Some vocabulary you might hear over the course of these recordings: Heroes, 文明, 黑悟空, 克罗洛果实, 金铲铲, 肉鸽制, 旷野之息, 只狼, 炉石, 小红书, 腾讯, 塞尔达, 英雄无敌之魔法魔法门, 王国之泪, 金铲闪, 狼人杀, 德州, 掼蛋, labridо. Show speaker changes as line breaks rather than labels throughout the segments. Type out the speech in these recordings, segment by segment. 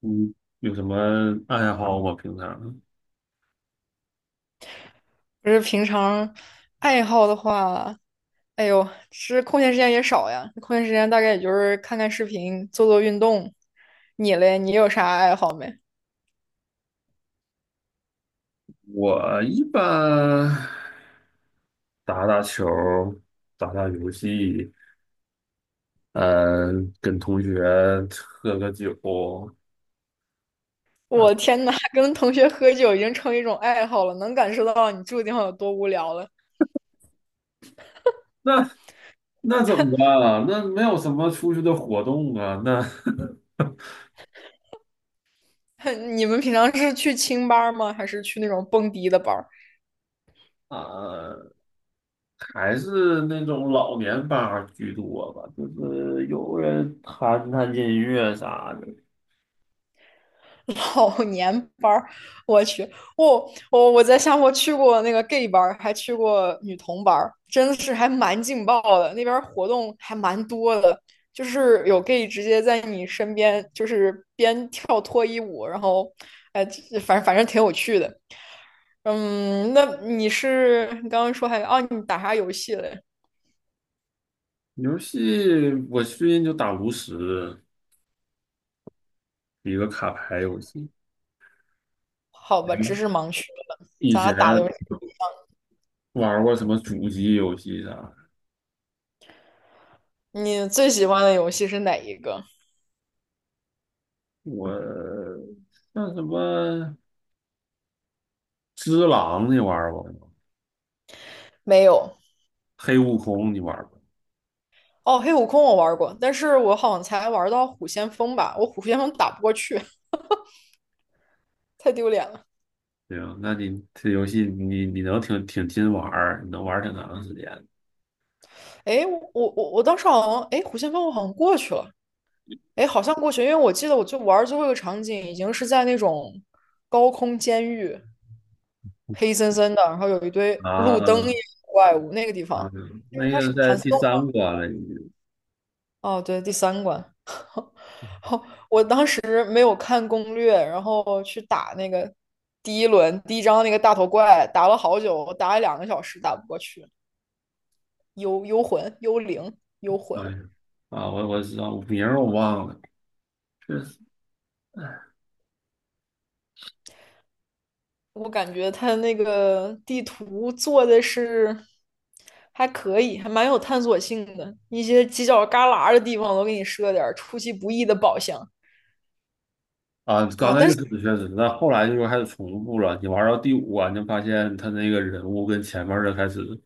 嗯，有什么爱好吗？平常
不是平常爱好的话，哎呦，是空闲时间也少呀。空闲时间大概也就是看看视频、做做运动。你嘞，你有啥爱好没？
我一般打打球儿打打游戏，嗯，跟同学喝个酒。嗯，
我天呐，跟同学喝酒已经成一种爱好了，能感受到你住的地方有多无聊了。
那怎么办啊？那没有什么出去的活动啊，那
你们平常是去清吧儿吗？还是去那种蹦迪的班儿？
啊，还是那种老年吧儿居多吧，就是有人弹弹音乐啥的。
老年班儿，我去，我在夏坡去过那个 gay 班儿，还去过女同班儿，真的是还蛮劲爆的。那边儿活动还蛮多的，就是有 gay 直接在你身边，就是边跳脱衣舞，然后，哎，反正挺有趣的。嗯，那你是你刚刚说还哦，你打啥游戏嘞？
游戏我最近就打炉石，一个卡牌游戏。
好吧，知识盲区了，
以
咱俩
前
打的游戏，
玩过什么主机游戏啥的？
你最喜欢的游戏是哪一个？
我像什么《只狼》你玩过吗？
没有。
黑悟空》你玩过？
哦，黑悟空我玩过，但是我好像才玩到虎先锋吧，我虎先锋打不过去，太丢脸了。
行，那你这游戏你能挺挺勤玩儿，你能玩儿挺长时间。
哎，我当时好像，哎，虎先锋我好像过去了，哎，好像过去，因为我记得我就玩最后一个场景已经是在那种高空监狱，黑森森的，然后有一堆路灯一
啊，
样的怪物那个地
啊！
方，应
那
该
个
是
在
盘丝。
第三关了，已经。
哦，对，第3关没有看攻略，然后去打那个第一轮第1张那个大头怪，打了好久，打了2个小时打不过去。幽幽魂、幽灵、幽魂。
哎呀，啊，我知道名儿我忘了，确实。
我感觉它那个地图做的是还可以，还蛮有探索性的。一些犄角旮旯的地方都给你设点儿出其不意的宝箱
啊，刚
啊，
开
但
始
是
确实，但后来就是开始重复了。你玩到第五关，就发现他那个人物跟前面的开始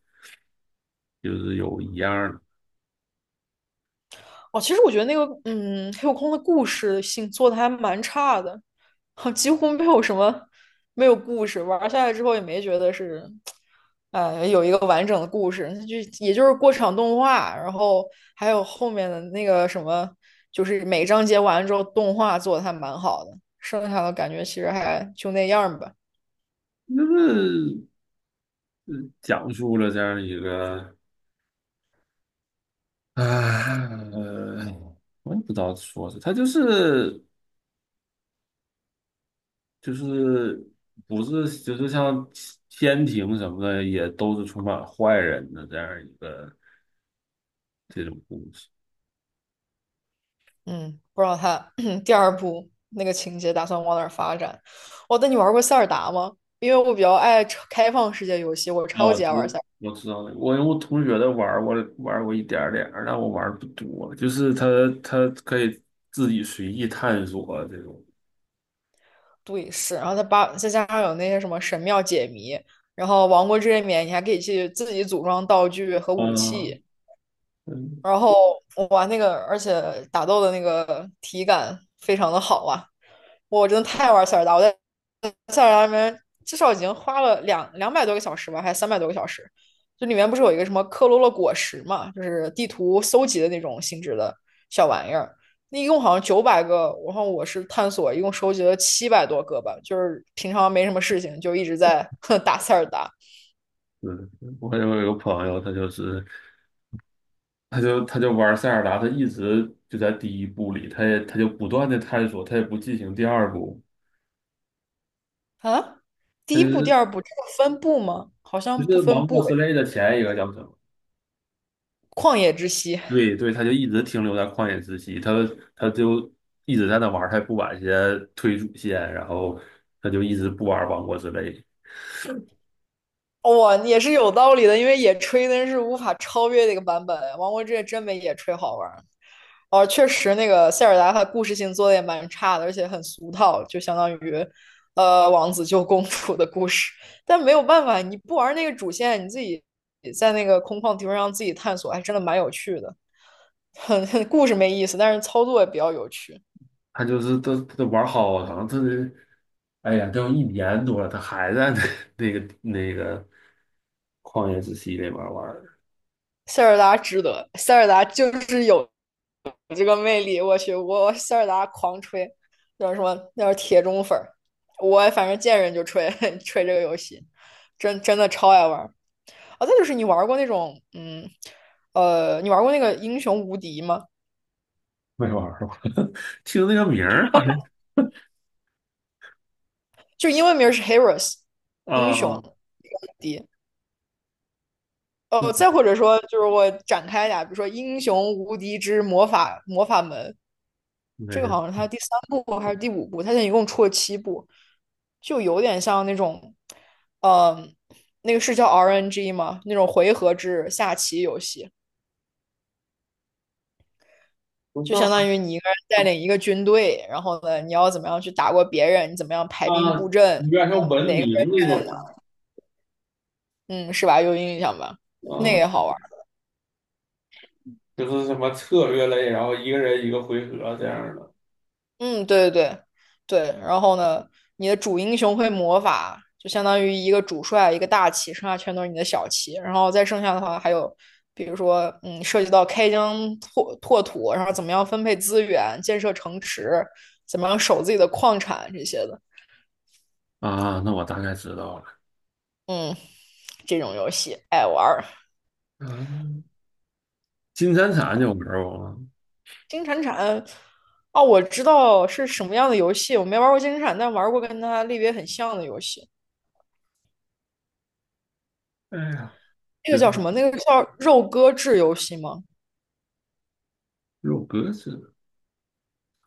就是有一样的。
哦，其实我觉得那个，嗯，黑悟空的故事性做的还蛮差的，几乎没有什么，没有故事。玩下来之后也没觉得是，有一个完整的故事，就也就是过场动画，然后还有后面的那个什么，就是每章节完了之后动画做的还蛮好的，剩下的感觉其实还就那样儿吧。
那是。讲述了这样一个，啊，呃，我也不知道说是，它就是，就是，不是就是像天庭什么的，也都是充满坏人的这样一个这种故事。
嗯，不知道他 第2部那个情节打算往哪儿发展。哦，那你玩过塞尔达吗？因为我比较爱超开放世界游戏，我
那
超
我
级爱
知
玩塞尔达。
我知道了，我我同学的玩儿我玩儿过一点儿点儿，但我玩儿不多，就是他，他可以自己随意探索这种。
对，是，然后它把再加上有那些什么神庙解谜，然后王国之泪冕，你还可以去自己组装道具和武
啊，
器。
嗯。
然后我玩那个，而且打斗的那个体感非常的好啊！我真的太爱玩塞尔达，我在塞尔达里面至少已经花了两百多个小时吧，还是300多个小时。就里面不是有一个什么克罗洛果实嘛，就是地图搜集的那种性质的小玩意儿。那一共好像900个，然后我是探索，一共收集了700多个吧。就是平常没什么事情，就一直在 打塞尔达
是，我有一个朋友，他就是他就玩塞尔达，他一直就在第一部里，他也他就不断的探索，他也不进行第二部，
啊。第
他就
一部、第
是
二部这个分部吗？好
就
像不
是
分
王
部
国之泪的前一个教程。
旷野之息，
对对，他就一直停留在旷野之息，他就一直在那玩儿，他也不玩一些推主线，然后他就一直不玩王国之泪。
哇、哦也是有道理的，因为野炊那是无法超越的一个版本啊。王国之夜真没野炊好玩哦，确实，那个塞尔达它故事性做的也蛮差的，而且很俗套，就相当于，王子救公主的故事。但没有办法，你不玩那个主线，你自己在那个空旷地方让自己探索，还真的蛮有趣的。很故事没意思，但是操作也比较有趣。
他玩好长，他这，哎呀，都一年多了，他还在那 那个旷野之息里边玩儿。
塞尔达值得，塞尔达就是有这个魅力。我去，我塞尔达狂吹，叫什么？叫铁中粉儿。我反正见人就吹 吹这个游戏，真的超爱玩。啊，再就是你玩过那种，嗯，你玩过那个英雄无敌吗？
没玩儿是吧，听那个名儿好像。
就英文名是 Heroes，英雄
啊。
无敌。哦，
嗯，
再或者说，就是我展开一下，比如说《英雄无敌之魔法门》，
没
这个
有，
好像是它第3部还是第5部，它现在一共出了7部，就有点像那种，嗯、那个是叫 RNG 吗？那种回合制下棋游戏。
不
就相
像。
当于你一个人带领一个军队，然后呢，你要怎么样去打过别人，你怎么样排
啊，
兵布阵，
有点像文
哪
明
个人，
那种。
嗯，是吧？有印象吧？那个
啊，
也好玩儿。
就是什么策略类，然后一个人一个回合这样的。
嗯，对对对对。然后呢，你的主英雄会魔法，就相当于一个主帅，一个大旗，剩下全都是你的小旗。然后再剩下的话，还有比如说，嗯，涉及到开疆拓土，然后怎么样分配资源，建设城池，怎么样守自己的矿产这些的。
啊，那我大概知道了。
嗯，这种游戏爱玩儿。
嗯，金铲闪就玩过吗？
金铲铲，哦，我知道是什么样的游戏，我没玩过金铲铲，但玩过跟它类别很像的游戏。
哎呀，
那个
就是
叫什么？那个叫肉鸽制游戏吗？
有格子，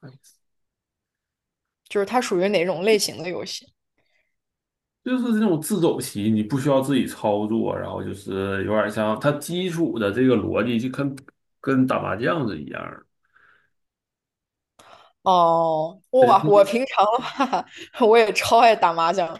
哎，
就是它属于哪种类型的游戏？
就是这种自走棋，你不需要自己操作，然后就是有点像它基础的这个逻辑，就跟打麻将是一样
哦，哇，
的。
我平常的话，我也超爱打麻将。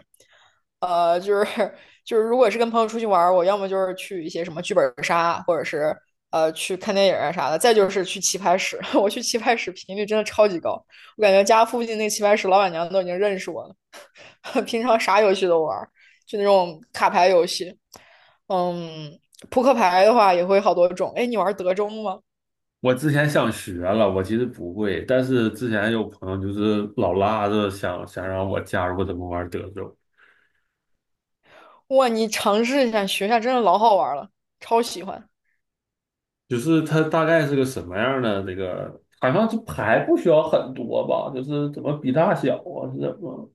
呃，就是就是，如果是跟朋友出去玩儿我要么就是去一些什么剧本杀，或者是去看电影啊啥的，再就是去棋牌室。我去棋牌室频率真的超级高，我感觉家附近那棋牌室老板娘都已经认识我了。平常啥游戏都玩就那种卡牌游戏。嗯，扑克牌的话也会好多种。哎，你玩德州吗？
我之前想学了，我其实不会，但是之前有朋友就是老拉着想让我加入怎么玩德州。
哇，你尝试一下学一下，真的老好玩了，超喜欢。
就是它大概是个什么样的这个，好像这牌不需要很多吧，就是怎么比大小啊，是怎么？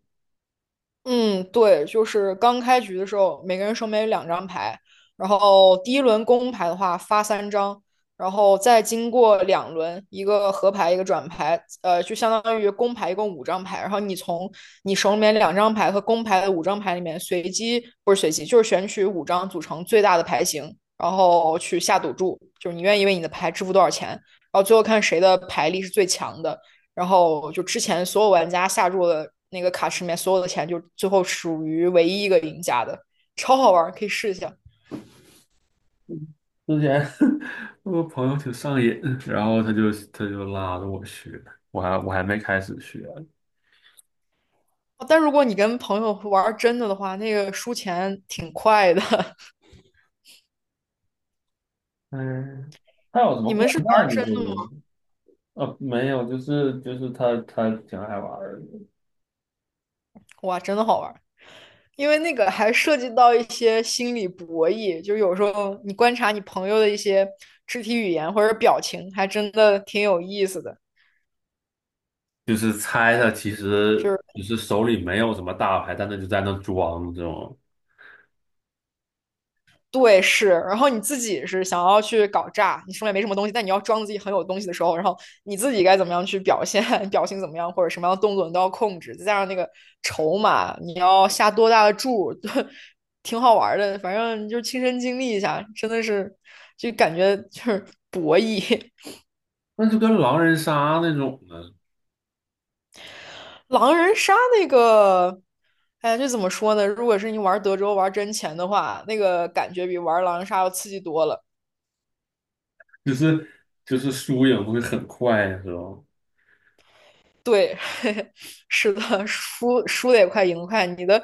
嗯，对，就是刚开局的时候，每个人手里面有两张牌，然后第一轮公牌的话发3张，然后再经过2轮，一个合牌，一个转牌，就相当于公牌一共五张牌，然后你从你手里面两张牌和公牌的五张牌里面随机，不是随机，就是选取五张组成最大的牌型，然后去下赌注，就是你愿意为你的牌支付多少钱，然后最后看谁的牌力是最强的。然后就之前所有玩家下注的那个卡池里面所有的钱，就最后属于唯一一个赢家的，超好玩，可以试一下。
之前 我朋友挺上瘾，然后他就拉着我学，我还没开始学。
但如果你跟朋友玩真的的话，那个输钱挺快的。
嗯，他有什么
你
掼
们是玩
蛋你会
真，
吗？啊，没有，就是他挺爱玩儿的。
哇，真的好玩，因为那个还涉及到一些心理博弈，就有时候你观察你朋友的一些肢体语言或者表情，还真的挺有意思的。
就是猜他其
就
实
是
就是手里没有什么大牌，但他就在那装这种。
对，是，然后你自己是想要去搞炸，你手里没什么东西，但你要装自己很有东西的时候，然后你自己该怎么样去表现，表情怎么样，或者什么样的动作你都要控制，再加上那个筹码，你要下多大的注，挺好玩的，反正就亲身经历一下，真的是就感觉就是博弈，
那就跟狼人杀那种的，
狼人杀那个，哎呀，这怎么说呢？如果是你玩德州玩真钱的话，那个感觉比玩狼人杀要刺激多了。
就是就是输赢会很快，是吧？
对，是的，输的也快，赢得快。你的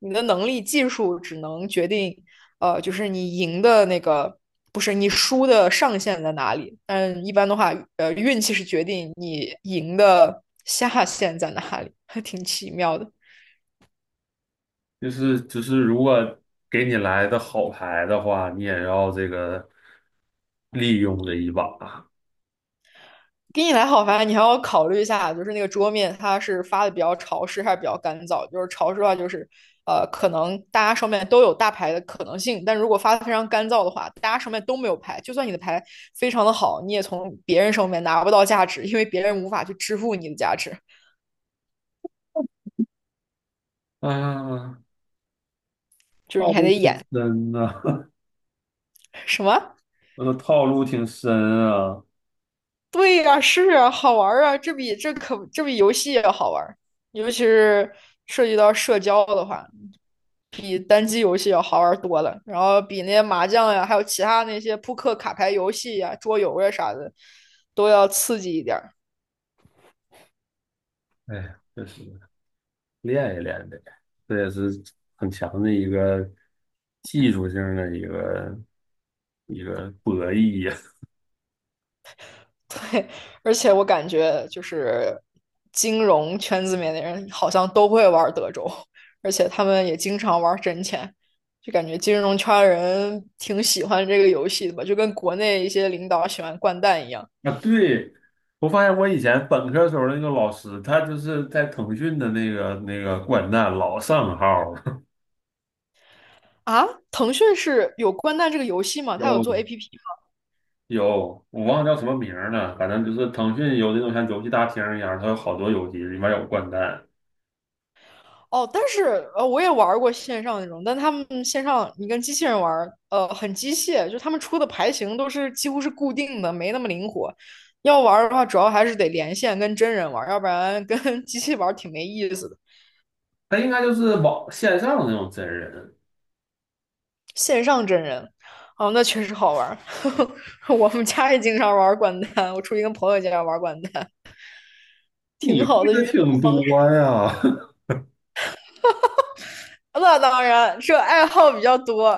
你的能力、技术只能决定，就是你赢的那个，不是你输的上限在哪里。但一般的话，运气是决定你赢的下限在哪里，还挺奇妙的。
就是如果给你来的好牌的话，你也要这个利用这一把。
给你来好牌，你还要考虑一下，就是那个桌面它是发的比较潮湿还是比较干燥。就是潮湿的话，就是可能大家上面都有大牌的可能性，但如果发的非常干燥的话，大家上面都没有牌，就算你的牌非常的好，你也从别人手里面拿不到价值，因为别人无法去支付你的价值，
啊，
就是
套
你还
路
得
挺
演
深呐、
什么？
我的套路挺深。啊，
对呀、是啊，好玩啊，这比游戏要好玩尤其是涉及到社交的话。比单机游戏要好玩多了，然后比那些麻将呀，还有其他那些扑克、卡牌游戏呀、桌游呀啥的，都要刺激一点儿。
哎呀，确实。练一练呗，这也是很强的一个技术性的一个博弈呀。
对，而且我感觉就是金融圈子里面的人好像都会玩德州，而且他们也经常玩真钱，就感觉金融圈人挺喜欢这个游戏的吧，就跟国内一些领导喜欢掼蛋一样。
啊，对，我发现我以前本科时候那个老师，他就是在腾讯的那个掼蛋老上号儿。
啊，腾讯是有掼蛋这个游戏吗？它有
有，
做 APP
有，我忘了叫什么名儿了，反正就是腾讯有那种像游戏大厅一样，它有好多游戏，里面有掼蛋。
哦，但是我也玩儿过线上那种，但他们线上你跟机器人玩儿很机械，就他们出的牌型都是几乎是固定的，没那么灵活。要玩儿的话，主要还是得连线跟真人玩儿要不然跟 机器玩儿挺没意思的。
他应该就是网线上的那种真人。
线上真人，哦，那确实好玩儿。我们家也经常玩掼蛋，我出去跟朋友家玩掼蛋，
你
挺
会
好的
的
娱乐
挺
方。
多呀。
那当然，这爱好比较多。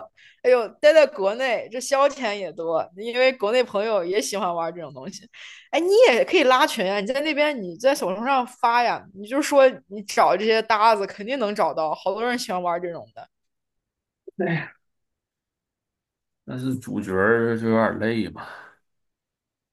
哎呦，待在国内，这消遣也多，因为国内朋友也喜欢玩这种东西。哎，你也可以拉群啊，你在那边你在小红书上发呀，你就说你找这些搭子，肯定能找到，好多人喜欢玩这种的。
但是主角儿就有点累吧。